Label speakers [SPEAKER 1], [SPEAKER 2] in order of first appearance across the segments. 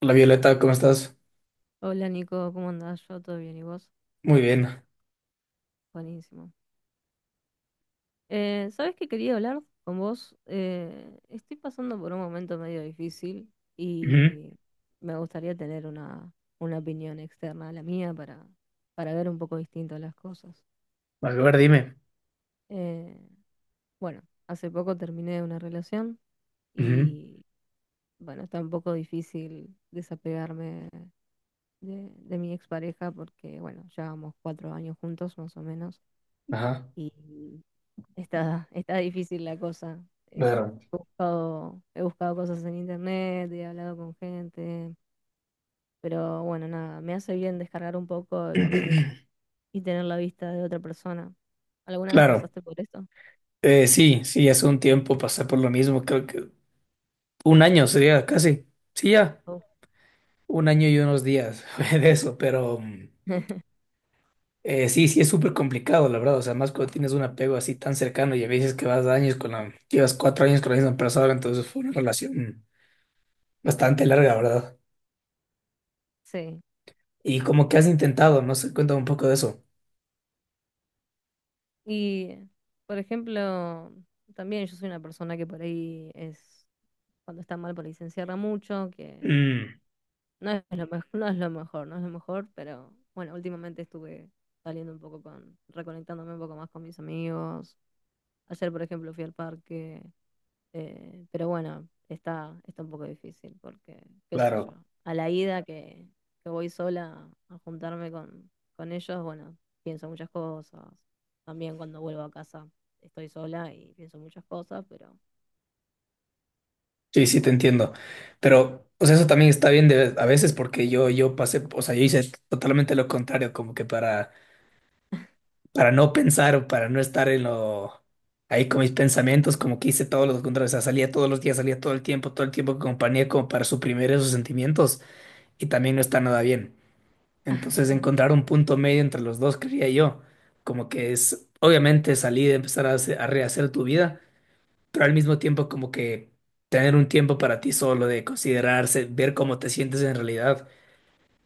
[SPEAKER 1] Hola Violeta, ¿cómo estás?
[SPEAKER 2] Hola Nico, ¿cómo andás? Yo todo bien, ¿y vos?
[SPEAKER 1] Muy bien.
[SPEAKER 2] Buenísimo. ¿Sabés qué quería hablar con vos? Estoy pasando por un momento medio difícil
[SPEAKER 1] Ujú.
[SPEAKER 2] y me gustaría tener una opinión externa a la mía para ver un poco distinto las cosas.
[SPEAKER 1] A ver, dime.
[SPEAKER 2] Eh, bueno, hace poco terminé una relación
[SPEAKER 1] Ujú.
[SPEAKER 2] y bueno, está un poco difícil desapegarme de mi expareja porque bueno, llevamos cuatro años juntos más o menos.
[SPEAKER 1] Ajá.
[SPEAKER 2] Y está difícil la cosa. Eh,
[SPEAKER 1] Claro.
[SPEAKER 2] He buscado, he buscado cosas en internet, he hablado con gente, pero bueno, nada, me hace bien descargar un poco y tener la vista de otra persona. ¿Alguna vez
[SPEAKER 1] Claro.
[SPEAKER 2] pasaste por esto?
[SPEAKER 1] Sí, sí, hace un tiempo pasé por lo mismo, creo que un año sería casi. Sí, ya.
[SPEAKER 2] Oh.
[SPEAKER 1] Un año y unos días fue de eso, pero sí, sí es súper complicado, la verdad. O sea, más cuando tienes un apego así tan cercano y a veces que vas años llevas cuatro años con la misma persona, entonces fue una relación bastante larga, ¿verdad?
[SPEAKER 2] Sí.
[SPEAKER 1] Y como que has intentado, no sé, cuéntame un poco de eso.
[SPEAKER 2] Y, por ejemplo, también yo soy una persona que por ahí es, cuando está mal, por ahí se encierra mucho, que
[SPEAKER 1] Mm,
[SPEAKER 2] no es lo mejor, no es lo mejor, no es lo mejor, pero bueno, últimamente estuve saliendo un poco con, reconectándome un poco más con mis amigos. Ayer, por ejemplo, fui al parque, pero bueno, está un poco difícil porque, qué sé yo,
[SPEAKER 1] claro.
[SPEAKER 2] a la ida que voy sola a juntarme con ellos, bueno, pienso muchas cosas. También cuando vuelvo a casa estoy sola y pienso muchas cosas, pero
[SPEAKER 1] Sí, sí, te
[SPEAKER 2] bueno,
[SPEAKER 1] entiendo. Pero, o sea, eso también está bien a veces porque yo pasé, o sea, yo hice totalmente lo contrario, como que para no pensar o para no estar ahí con mis pensamientos, como que hice todo lo contrario, o sea, salía todos los días, salía todo el tiempo con compañía, como para suprimir esos sentimientos y también no está nada bien. Entonces, encontrar un punto medio entre los dos, creía yo, como que es, obviamente salir, empezar a rehacer tu vida pero al mismo tiempo como que tener un tiempo para ti solo, de considerarse, ver cómo te sientes en realidad.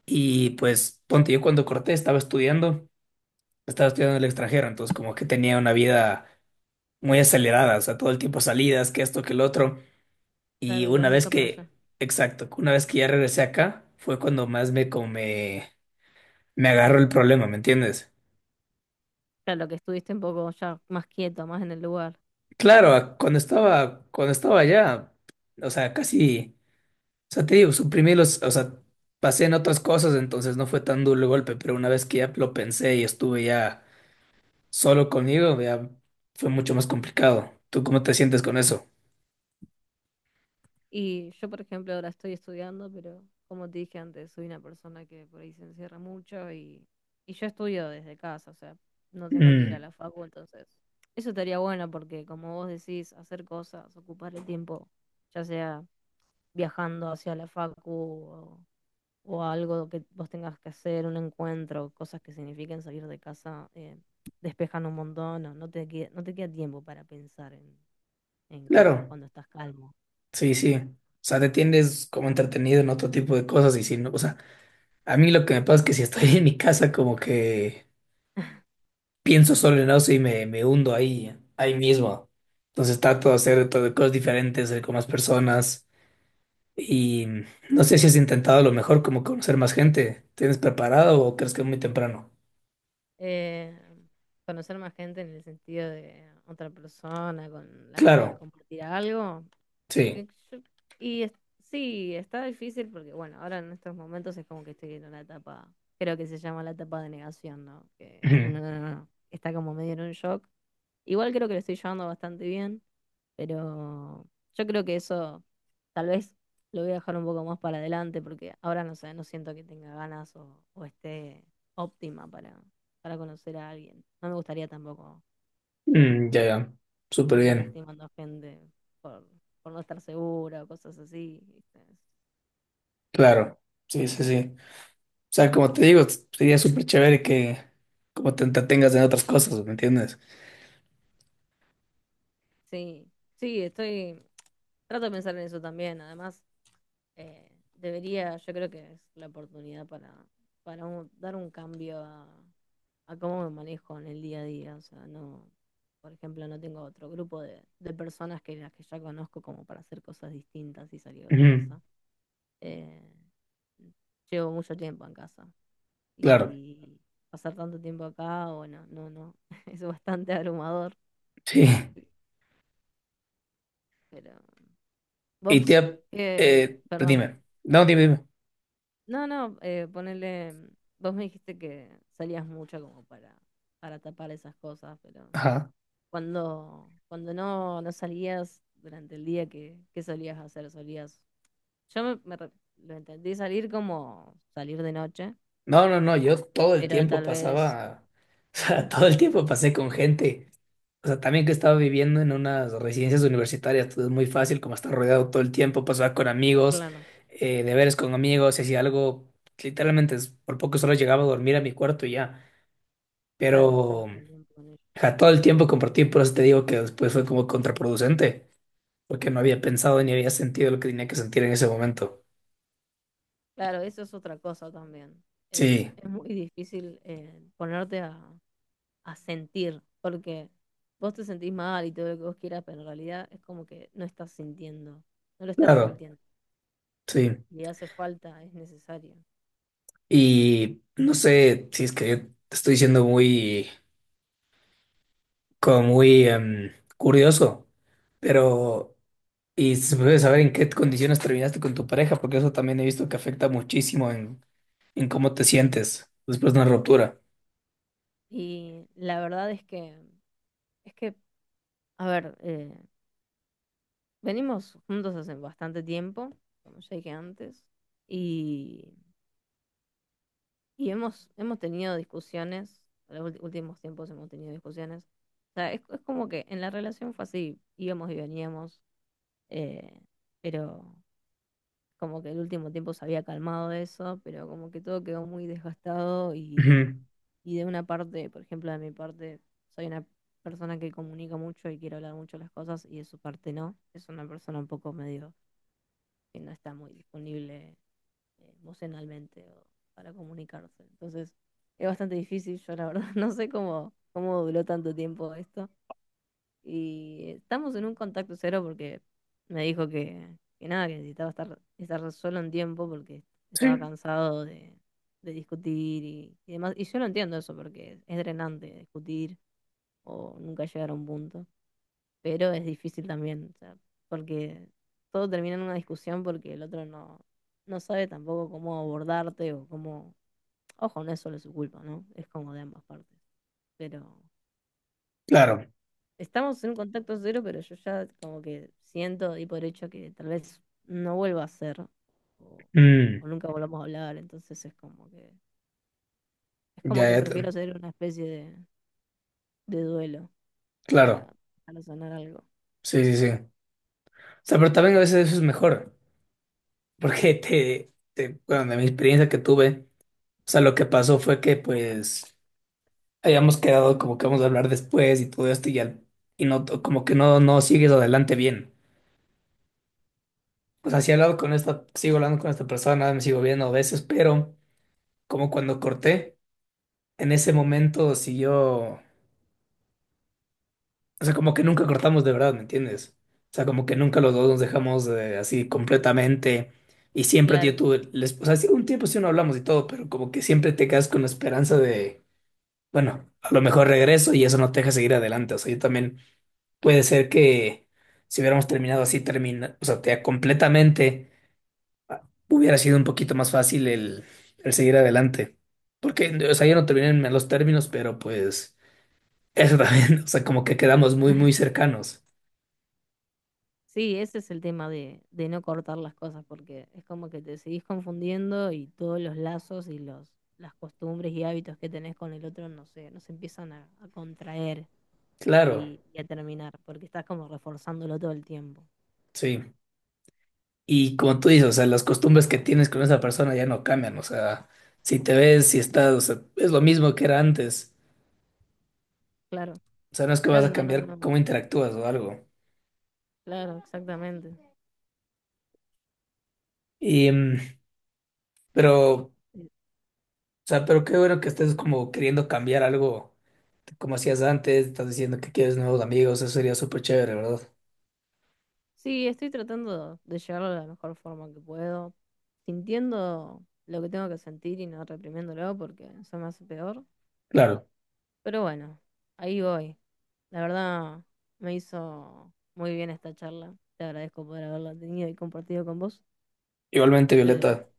[SPEAKER 1] Y pues, ponte, yo cuando corté estaba estudiando en el extranjero, entonces como que tenía una vida muy acelerada, o sea, todo el tiempo salidas, que esto, que el otro. Y
[SPEAKER 2] claro,
[SPEAKER 1] una
[SPEAKER 2] ibas de
[SPEAKER 1] vez
[SPEAKER 2] acá para
[SPEAKER 1] que,
[SPEAKER 2] allá.
[SPEAKER 1] exacto, una vez que ya regresé acá, fue cuando más me agarró el problema, ¿me entiendes?
[SPEAKER 2] Claro, que estuviste un poco ya más quieto, más en el lugar.
[SPEAKER 1] Claro, cuando estaba allá, o sea, casi... O sea, te digo, suprimí o sea, pasé en otras cosas, entonces no fue tan duro el golpe, pero una vez que ya lo pensé y estuve ya solo conmigo, ya fue mucho más complicado. ¿Tú cómo te sientes con eso?
[SPEAKER 2] Y yo, por ejemplo, ahora estoy estudiando, pero como te dije antes, soy una persona que por ahí se encierra mucho y yo estudio desde casa, o sea, no tengo que ir a
[SPEAKER 1] Mm,
[SPEAKER 2] la facu, entonces eso estaría bueno porque como vos decís, hacer cosas, ocupar el tiempo, ya sea viajando hacia la facu o algo que vos tengas que hacer, un encuentro, cosas que signifiquen salir de casa, despejan un montón, no te queda tiempo para pensar en cosas
[SPEAKER 1] claro,
[SPEAKER 2] cuando estás calmo.
[SPEAKER 1] sí, sí. O sea, te tienes como entretenido en otro tipo de cosas y si no, o sea, a mí lo que me pasa es que si estoy en mi casa como que pienso solo en eso y me hundo ahí mismo. Entonces trato de hacer todo, cosas diferentes, salir con más personas. Y no sé si has intentado a lo mejor como conocer más gente. ¿Tienes preparado o crees que es muy temprano?
[SPEAKER 2] Eh, Conocer más gente en el sentido de otra persona con la cual
[SPEAKER 1] Claro,
[SPEAKER 2] compartir algo.
[SPEAKER 1] sí.
[SPEAKER 2] Y, yo- y es- sí, está difícil porque, bueno, ahora en estos momentos es como que estoy en una etapa, creo que se llama la etapa de negación, ¿no? Que
[SPEAKER 1] Ujú.
[SPEAKER 2] uno no- no- no, está como medio en un shock. Igual creo que lo estoy llevando bastante bien, pero yo creo que eso tal vez lo voy a dejar un poco más para adelante porque ahora no sé, no siento que tenga ganas o esté óptima para conocer a alguien. No me gustaría tampoco eh,
[SPEAKER 1] Mm, ya, ya. Súper
[SPEAKER 2] andar
[SPEAKER 1] bien.
[SPEAKER 2] lastimando a gente por, por no estar segura o cosas así. ¿Viste?
[SPEAKER 1] Claro. Sí, sí, sí. O sea, como te digo, sería súper chévere que como te entretengas en otras cosas, ¿me entiendes?
[SPEAKER 2] Sí, sí, estoy... Trato de pensar en eso también. Además, debería, yo creo que es la oportunidad dar un cambio a cómo me manejo en el día a día. O sea, no, por ejemplo, no tengo otro grupo de personas que las que ya conozco como para hacer cosas distintas y salir de
[SPEAKER 1] Ujú.
[SPEAKER 2] casa. Eh, Llevo mucho tiempo en casa
[SPEAKER 1] Claro,
[SPEAKER 2] y pasar tanto tiempo acá, bueno, no, no, es bastante abrumador.
[SPEAKER 1] sí.
[SPEAKER 2] Pero
[SPEAKER 1] Y
[SPEAKER 2] vos,
[SPEAKER 1] te...
[SPEAKER 2] perdón.
[SPEAKER 1] Dime. No, dime, dime.
[SPEAKER 2] No, ponele, vos me dijiste que salías mucho como para tapar esas cosas, pero
[SPEAKER 1] Ajá.
[SPEAKER 2] Cuando no salías durante el día, ¿qué solías hacer? Solías. Yo me, me re- Lo entendí salir como salir de noche,
[SPEAKER 1] No, no, no, yo todo el
[SPEAKER 2] pero
[SPEAKER 1] tiempo
[SPEAKER 2] tal vez.
[SPEAKER 1] pasaba, o sea, todo
[SPEAKER 2] Ajá,
[SPEAKER 1] el tiempo pasé con gente. O sea, también que estaba viviendo en unas residencias universitarias, todo es muy fácil, como estar rodeado todo el tiempo, pasaba con amigos,
[SPEAKER 2] claro,
[SPEAKER 1] deberes con amigos, si hacía algo, literalmente por poco solo llegaba a dormir a mi cuarto y ya.
[SPEAKER 2] claro, estabas
[SPEAKER 1] Pero
[SPEAKER 2] todo el tiempo con ellos.
[SPEAKER 1] ja, todo el tiempo compartí, por eso te digo que después fue como contraproducente, porque no había pensado ni había sentido lo que tenía que sentir en ese momento.
[SPEAKER 2] Claro, eso es otra cosa también.
[SPEAKER 1] Sí,
[SPEAKER 2] Es muy difícil ponerte a sentir, porque vos te sentís mal y todo lo que vos quieras, pero en realidad es como que no estás sintiendo, no lo estás
[SPEAKER 1] claro,
[SPEAKER 2] sintiendo.
[SPEAKER 1] sí.
[SPEAKER 2] Y hace falta, es necesario.
[SPEAKER 1] Y no sé si es que te estoy diciendo como muy curioso, pero y se puede saber en qué condiciones terminaste con tu pareja, porque eso también he visto que afecta muchísimo en cómo te sientes después de una ruptura.
[SPEAKER 2] Y la verdad es que Es que, a ver, venimos juntos hace bastante tiempo, como ya dije antes, y, y hemos, hemos tenido discusiones, en los últimos tiempos hemos tenido discusiones. O sea, es como que en la relación fue así, íbamos y veníamos, eh, pero como que el último tiempo se había calmado eso, pero como que todo quedó muy desgastado
[SPEAKER 1] Ujú.
[SPEAKER 2] y de una parte, por ejemplo, de mi parte, soy una persona que comunica mucho y quiere hablar mucho las cosas y de su parte no. Es una persona un poco medio que no está muy disponible emocionalmente o para comunicarse. Entonces, es bastante difícil. Yo la verdad no sé cómo duró tanto tiempo esto y estamos en un contacto cero porque me dijo que nada, que necesitaba estar solo un tiempo porque
[SPEAKER 1] Sí,
[SPEAKER 2] estaba cansado de discutir y demás. Y yo lo entiendo eso porque es drenante discutir o nunca llegar a un punto. Pero es difícil también, o sea, porque todo termina en una discusión porque el otro no sabe tampoco cómo abordarte o cómo... Ojo, no es solo su culpa, ¿no? Es como de ambas partes. Pero...
[SPEAKER 1] claro.
[SPEAKER 2] Estamos en un contacto cero, pero yo ya como que siento y por hecho que tal vez no vuelva a ser
[SPEAKER 1] Mm,
[SPEAKER 2] o nunca volvamos a hablar, entonces es como
[SPEAKER 1] ya,
[SPEAKER 2] que
[SPEAKER 1] ya
[SPEAKER 2] prefiero hacer una especie de duelo
[SPEAKER 1] claro.
[SPEAKER 2] para, para sanar algo.
[SPEAKER 1] Sí, sí, sí. O sea, pero también a veces eso es mejor, porque bueno, de mi experiencia que tuve, o sea, lo que pasó fue que pues, habíamos quedado como que vamos a hablar después y todo esto y no, como que no sigues adelante bien. O sea, sí he hablado con sigo hablando con esta persona, me sigo viendo a veces, pero como cuando corté, en ese momento siguió, o sea, como que nunca cortamos de verdad, ¿me entiendes? O sea, como que nunca los dos nos dejamos así completamente y siempre yo
[SPEAKER 2] Claro.
[SPEAKER 1] tuve, les, o sea, sí, un tiempo sí no hablamos y todo, pero como que siempre te quedas con la esperanza de, bueno, a lo mejor regreso y eso no te deja seguir adelante. O sea, yo también. Puede ser que si hubiéramos terminado así, termina, o sea, te- completamente, ah, hubiera sido un poquito más fácil el seguir adelante. Porque, o sea, yo no terminé en malos términos, pero pues eso también, o sea, como que quedamos muy, muy cercanos.
[SPEAKER 2] Sí, ese es el tema de no cortar las cosas, porque es como que te seguís confundiendo y todos los lazos y las costumbres y hábitos que tenés con el otro no sé, no se empiezan a contraer
[SPEAKER 1] Claro,
[SPEAKER 2] y a terminar, porque estás como reforzándolo todo el tiempo.
[SPEAKER 1] sí. Y como tú dices, o sea, las costumbres que tienes con esa persona ya no cambian, o sea, si te ves, si estás, o sea, es lo mismo que era antes.
[SPEAKER 2] Claro,
[SPEAKER 1] O sea, no es que vas
[SPEAKER 2] claro,
[SPEAKER 1] a
[SPEAKER 2] no, no, no,
[SPEAKER 1] cambiar
[SPEAKER 2] no,
[SPEAKER 1] cómo interactúas o algo.
[SPEAKER 2] claro, exactamente.
[SPEAKER 1] Y, mm, pero.
[SPEAKER 2] Eh,
[SPEAKER 1] O sea, pero qué bueno que estés como queriendo cambiar algo, como hacías antes, estás diciendo que quieres nuevos amigos, eso sería súper chévere, ¿verdad?
[SPEAKER 2] Sí, estoy tratando de llevarlo de la mejor forma que puedo, sintiendo lo que tengo que sentir y no reprimiéndolo porque eso me hace peor.
[SPEAKER 1] Claro.
[SPEAKER 2] Pero bueno, ahí voy. La verdad, me hizo muy bien esta charla. Te agradezco por haberla tenido y compartido con vos.
[SPEAKER 1] Igualmente,
[SPEAKER 2] Pero,
[SPEAKER 1] Violeta,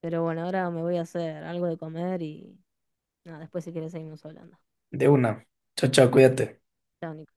[SPEAKER 2] pero bueno, ahora me voy a hacer algo de comer y nada, después si quieres seguimos hablando.
[SPEAKER 1] de una. Chao, chao, cuídate.
[SPEAKER 2] Chao, Nico.